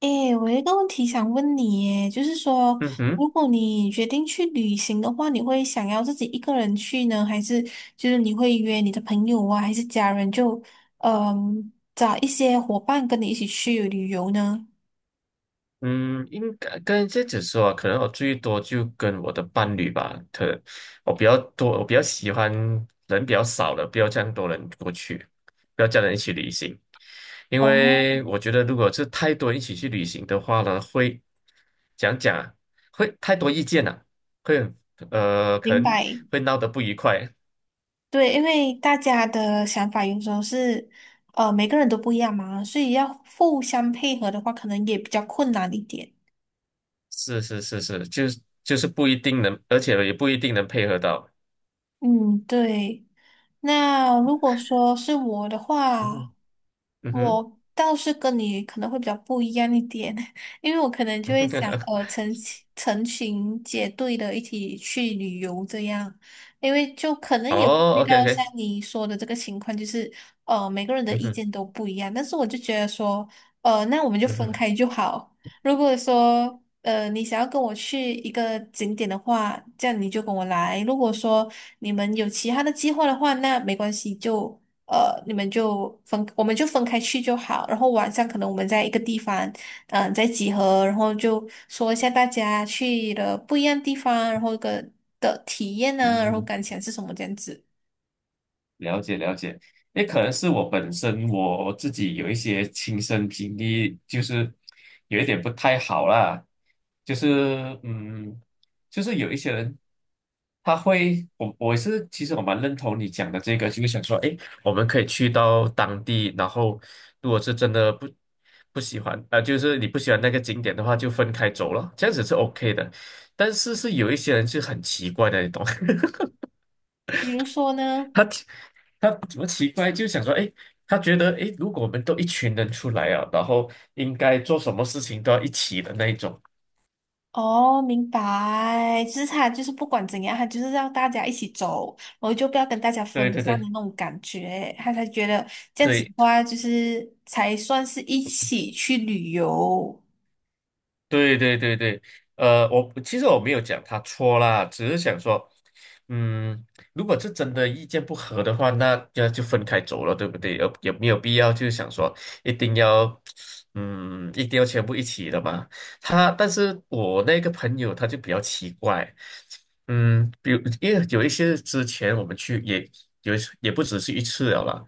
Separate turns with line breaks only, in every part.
诶，我有一个问题想问你耶，就是说，
嗯哼。
如果你决定去旅行的话，你会想要自己一个人去呢，还是就是你会约你的朋友啊，还是家人就找一些伙伴跟你一起去旅游呢？
嗯，应该跟这家只说啊，可能我最多就跟我的伴侣吧。我比较多，我比较喜欢人比较少的，不要这样多人过去，不要叫人一起旅行。因
哦，
为我觉得如果是太多人一起去旅行的话呢，会讲讲啊，会太多意见了，啊，会很可
明
能
白。
会闹得不愉快。
对，因为大家的想法有时候是每个人都不一样嘛，所以要互相配合的话，可能也比较困难一点。
是是是是，就是不一定能，而且也不一定能配合到。
嗯，对。那如果说是我的
嗯
话，
哼，嗯哼。
我倒是跟你可能会比较不一样一点，因为我可能就会想，成群结队的一起去旅游这样，因为就可能也会
哦
遇
，OK
到像
OK。
你说的这个情况，就是每个人的
嗯
意
哼，
见都不一样，但是我就觉得说，呃，那我们就
嗯
分
哼，
开就好，如果说你想要跟我去一个景点的话，这样你就跟我来。如果说你们有其他的计划的话，那没关系，就你们就分，我们就分开去就好。然后晚上可能我们在一个地方，嗯、再集合，然后就说一下大家去的不一样地方，然后个的体验呢、然后
嗯，
感想是什么这样子。
了解了解。也可能是我本身我自己有一些亲身经历，就是有一点不太好啦，就是嗯，就是有一些人他会，我是其实我蛮认同你讲的这个，就是想说，诶，我们可以去到当地，然后如果是真的不喜欢，就是你不喜欢那个景点的话，就分开走了，这样子是 OK 的。但是是有一些人是很奇怪的，你懂。
比如说呢。
他他怎么奇怪，就想说，哎，他觉得，哎，如果我们都一群人出来啊，然后应该做什么事情都要一起的那一种。
哦，明白。就是他就是不管怎样，他就是让大家一起走，然后就不要跟大家
对
分
对
散的
对
那种感觉，他才觉得这样子的
对
话，就是才算是一起去旅游。
对对对对。我其实我没有讲他错啦，只是想说，嗯，如果是真的意见不合的话，那要就分开走了，对不对？有没有必要，就是想说一定要，嗯，一定要全部一起的嘛？但是我那个朋友他就比较奇怪。嗯，比如因为有一些之前我们去也有一次，也不只是一次了啦。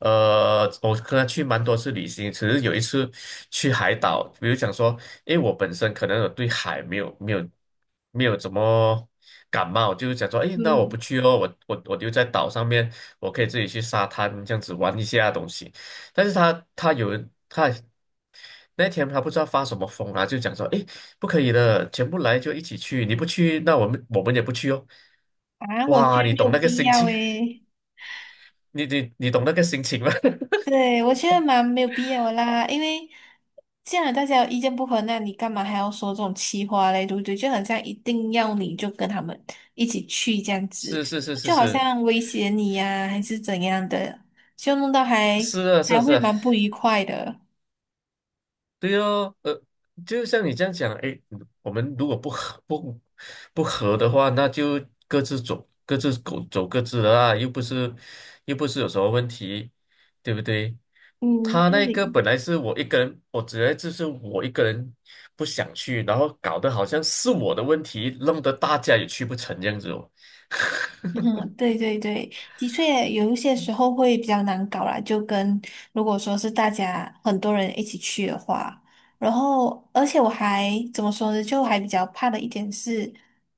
我跟他去蛮多次旅行，只是有一次去海岛。比如讲说，因为我本身可能我对海没有怎么感冒，就是讲说，哎，那我不
嗯，
去哦，我留在岛上面，我可以自己去沙滩这样子玩一下东西。但是他他有人他那天他不知道发什么疯啊，就讲说，诶，不可以的，全部来就一起去，你不去，那我们也不去哦。
啊，我觉
哇，
得
你
没
懂
有
那个
必
心
要
情，
诶。
你懂那个心情吗？
对，我觉得蛮没有必要的啦，因为既然大家有意见不合，那你干嘛还要说这种气话嘞？对不对？就好像一定要你就跟他们一起去这样子，
是是是是
就好
是，
像威胁你呀、还是怎样的，就弄到还
是啊，是啊，
还
是
会
啊。
蛮不愉快的。
对哦，就像你这样讲，诶，我们如果不合的话，那就各自走各自的啊，又不是有什么问题，对不对？
嗯，
他那个
对。
本来是我一个人，我觉得就是我一个人不想去，然后搞得好像是我的问题，弄得大家也去不成这样子哦。
嗯，对对对，的确有一些时候会比较难搞啦，就跟如果说是大家很多人一起去的话，然后而且我还怎么说呢，就还比较怕的一点是，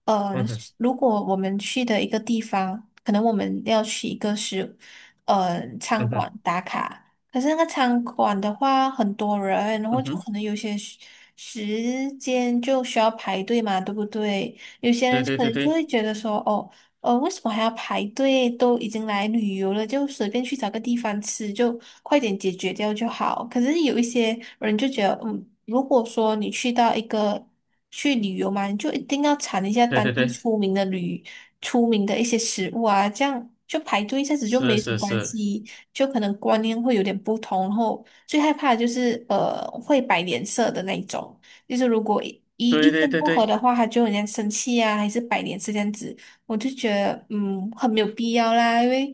呃，
嗯哼，
如果我们去的一个地方，可能我们要去一个是，呃，餐
嗯哼，
馆打卡，可是那个餐馆的话很多人，然
嗯
后就
哼，
可能有些时间就需要排队嘛，对不对？有些
对
人
对
可
对
能就
对
会觉得说，哦。呃，为什么还要排队？都已经来旅游了，就随便去找个地方吃，就快点解决掉就好。可是有一些人就觉得，嗯，如果说你去到一个去旅游嘛，你就一定要尝一下
对
当
对
地
对，
出名的出名的一些食物啊，这样就排队一下子就
是
没什么
是
关
是，
系，就可能观念会有点不同。然后最害怕的就是会摆脸色的那一种，就是如果
对
意
对
见
对
不合
对。
的话，他就很像生气啊，还是摆脸色这样子。我就觉得，嗯，很没有必要啦，因为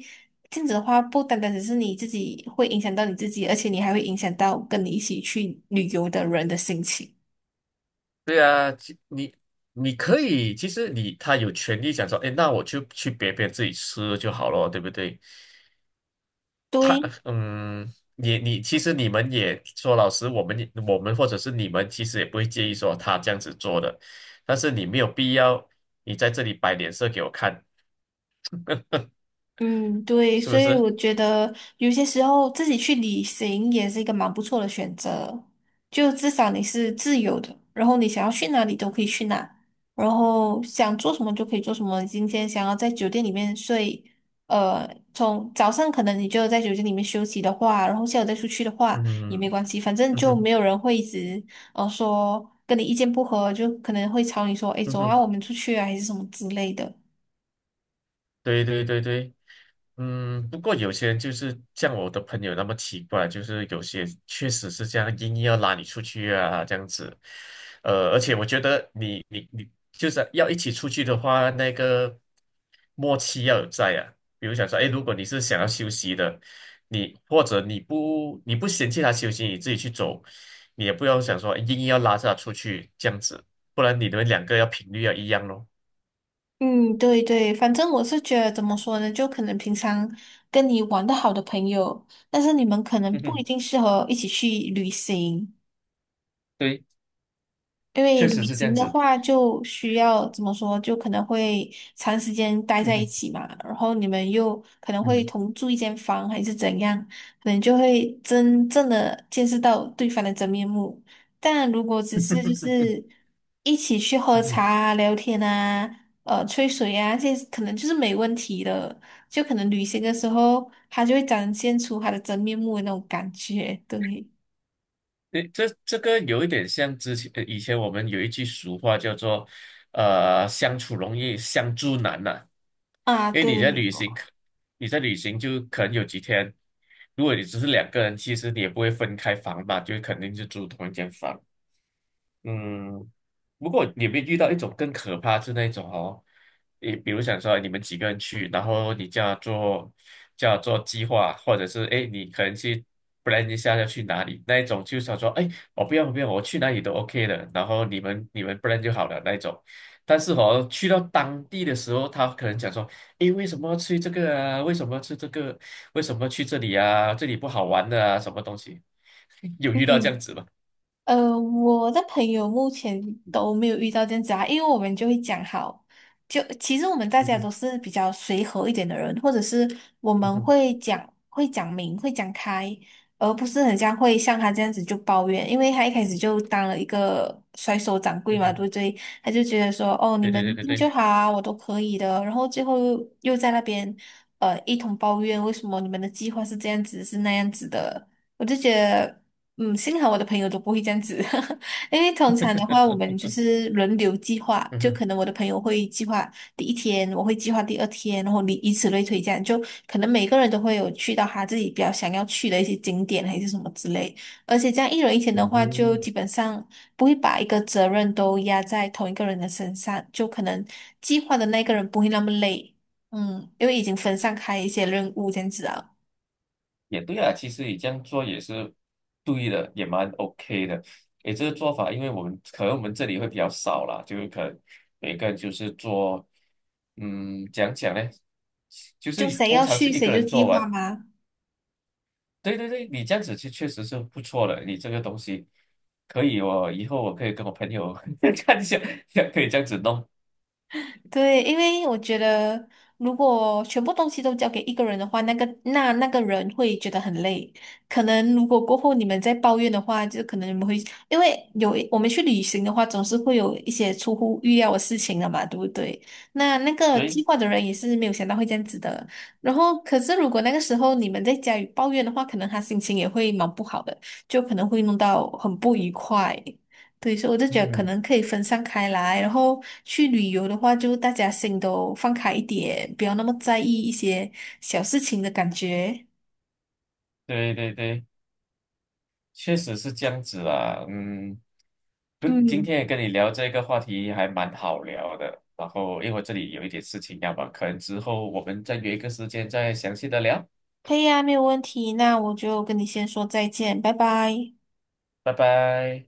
这样子的话，不单单只是你自己会影响到你自己，而且你还会影响到跟你一起去旅游的人的心情。
对啊！其你你可以，其实你有权利想说，哎，那我就去别自己吃就好了，对不对？他
对，
你其实你们也说老师，我们也我们或者是你们其实也不会介意说他这样子做的，但是你没有必要在这里摆脸色给我看，
嗯，对，
是不
所以
是？
我觉得有些时候自己去旅行也是一个蛮不错的选择，就至少你是自由的，然后你想要去哪里都可以去哪，然后想做什么就可以做什么。你今天想要在酒店里面睡，呃，从早上可能你就在酒店里面休息的话，然后下午再出去的话也没
嗯，
关系，反正
嗯
就
哼，
没有人会一直说跟你意见不合，就可能会吵你说，诶，
嗯
走
哼，
啊，我们出去啊，还是什么之类的。
对对对对。嗯，不过有些人就是像我的朋友那么奇怪，就是有些确实是这样，硬要拉你出去啊，这样子。而且我觉得你就是要一起出去的话，那个默契要有在啊。比如想说，哎，如果你是想要休息的，你或者你不嫌弃他休息，你自己去走，你也不要想说诶硬要拉着他出去这样子，不然你们两个要频率要一样咯。
嗯，对对，反正我是觉得怎么说呢，就可能平常跟你玩的好的朋友，但是你们可
嗯
能不一
哼，
定适合一起去旅行，
对，
因
确
为
实
旅
是这
行
样
的
子。
话，就需要怎么说，就可能会长时间待
嗯
在一
哼，
起嘛，然后你们又可能会
嗯。
同住一间房，还是怎样，可能就会真正的见识到对方的真面目。但如果只是就 是一起去喝
嗯
茶
哼，
啊、聊天啊、吹水啊，这些可能就是没问题的。就可能旅行的时候，他就会展现出他的真面目的那种感觉，对
对，这个有一点像以前我们有一句俗话叫做"相处容易相处难"呐。
啊，
因为你
对，
在
没
旅行，
错。
你在旅行就可能有几天。如果你只是两个人，其实你也不会分开房吧，就肯定是住同一间房。嗯，不过你们遇到一种更可怕是那种哦。你比如想说你们几个人去，然后你叫他做计划，或者是哎你可能去 plan 一下要去哪里，那一种就是想说哎我不要我去哪里都 OK 的，然后你们 plan 就好了那一种。但是哦去到当地的时候，他可能讲说哎为什么要去这个啊？为什么要去这个？为什么去这里啊？这里不好玩的啊？什么东西？有遇到这样
嗯，
子吗？
我的朋友目前都没有遇到这样子啊，因为我们就会讲好，就其实我们大
嗯
家
哼，
都是比较随和一点的人，或者是我
嗯
们
哼，
会讲明会讲开，而不是很像会像他这样子就抱怨，因为他一开始就当了一个甩手掌
嗯
柜嘛，对
哼，
不对？他就觉得说哦，你
对对对
们
对
定
对，
就好啊，我都可以的，然后最后又在那边一通抱怨，为什么你们的计划是这样子是那样子的，我就觉得。嗯，幸好我的朋友都不会这样子，因为通常的 话，我们就是轮流计划，
嗯
就
哼，
可能我的朋友会计划第一天，我会计划第二天，然后你以此类推，这样就可能每个人都会有去到他自己比较想要去的一些景点还是什么之类，而且这样一人一天的话，就
嗯，
基本上不会把一个责任都压在同一个人的身上，就可能计划的那个人不会那么累，嗯，因为已经分散开一些任务这样子啊，
也对啊。其实你这样做也是对的，也蛮 OK 的。诶，这个做法，因为我们可能这里会比较少啦，就是可能每个人就是做，嗯，讲讲呢，就
就
是
谁
通
要
常是
去
一个
谁就
人
计
做
划
完。
嘛。
对对对，你这样子其实确实是不错的，你这个东西可以哦，我以后可以跟我朋友 看一下，可以这样子弄。
对，因为我觉得，如果全部东西都交给一个人的话，那个那个人会觉得很累。可能如果过后你们再抱怨的话，就可能你们会，因为有我们去旅行的话，总是会有一些出乎预料的事情的嘛，对不对？那那个
对，
计划的人也是没有想到会这样子的。然后，可是如果那个时候你们在家里抱怨的话，可能他心情也会蛮不好的，就可能会弄到很不愉快。对，所以我就觉得可
嗯，
能可以分散开来，然后去旅游的话，就大家心都放开一点，不要那么在意一些小事情的感觉。
对对对。确实是这样子啊。嗯，不今
嗯，
天也跟你聊这个话题还蛮好聊的。然后，因为我这里有一点事情要忙，可能之后我们再约一个时间再详细的聊。
可以啊，没有问题。那我就跟你先说再见，拜拜。
拜拜。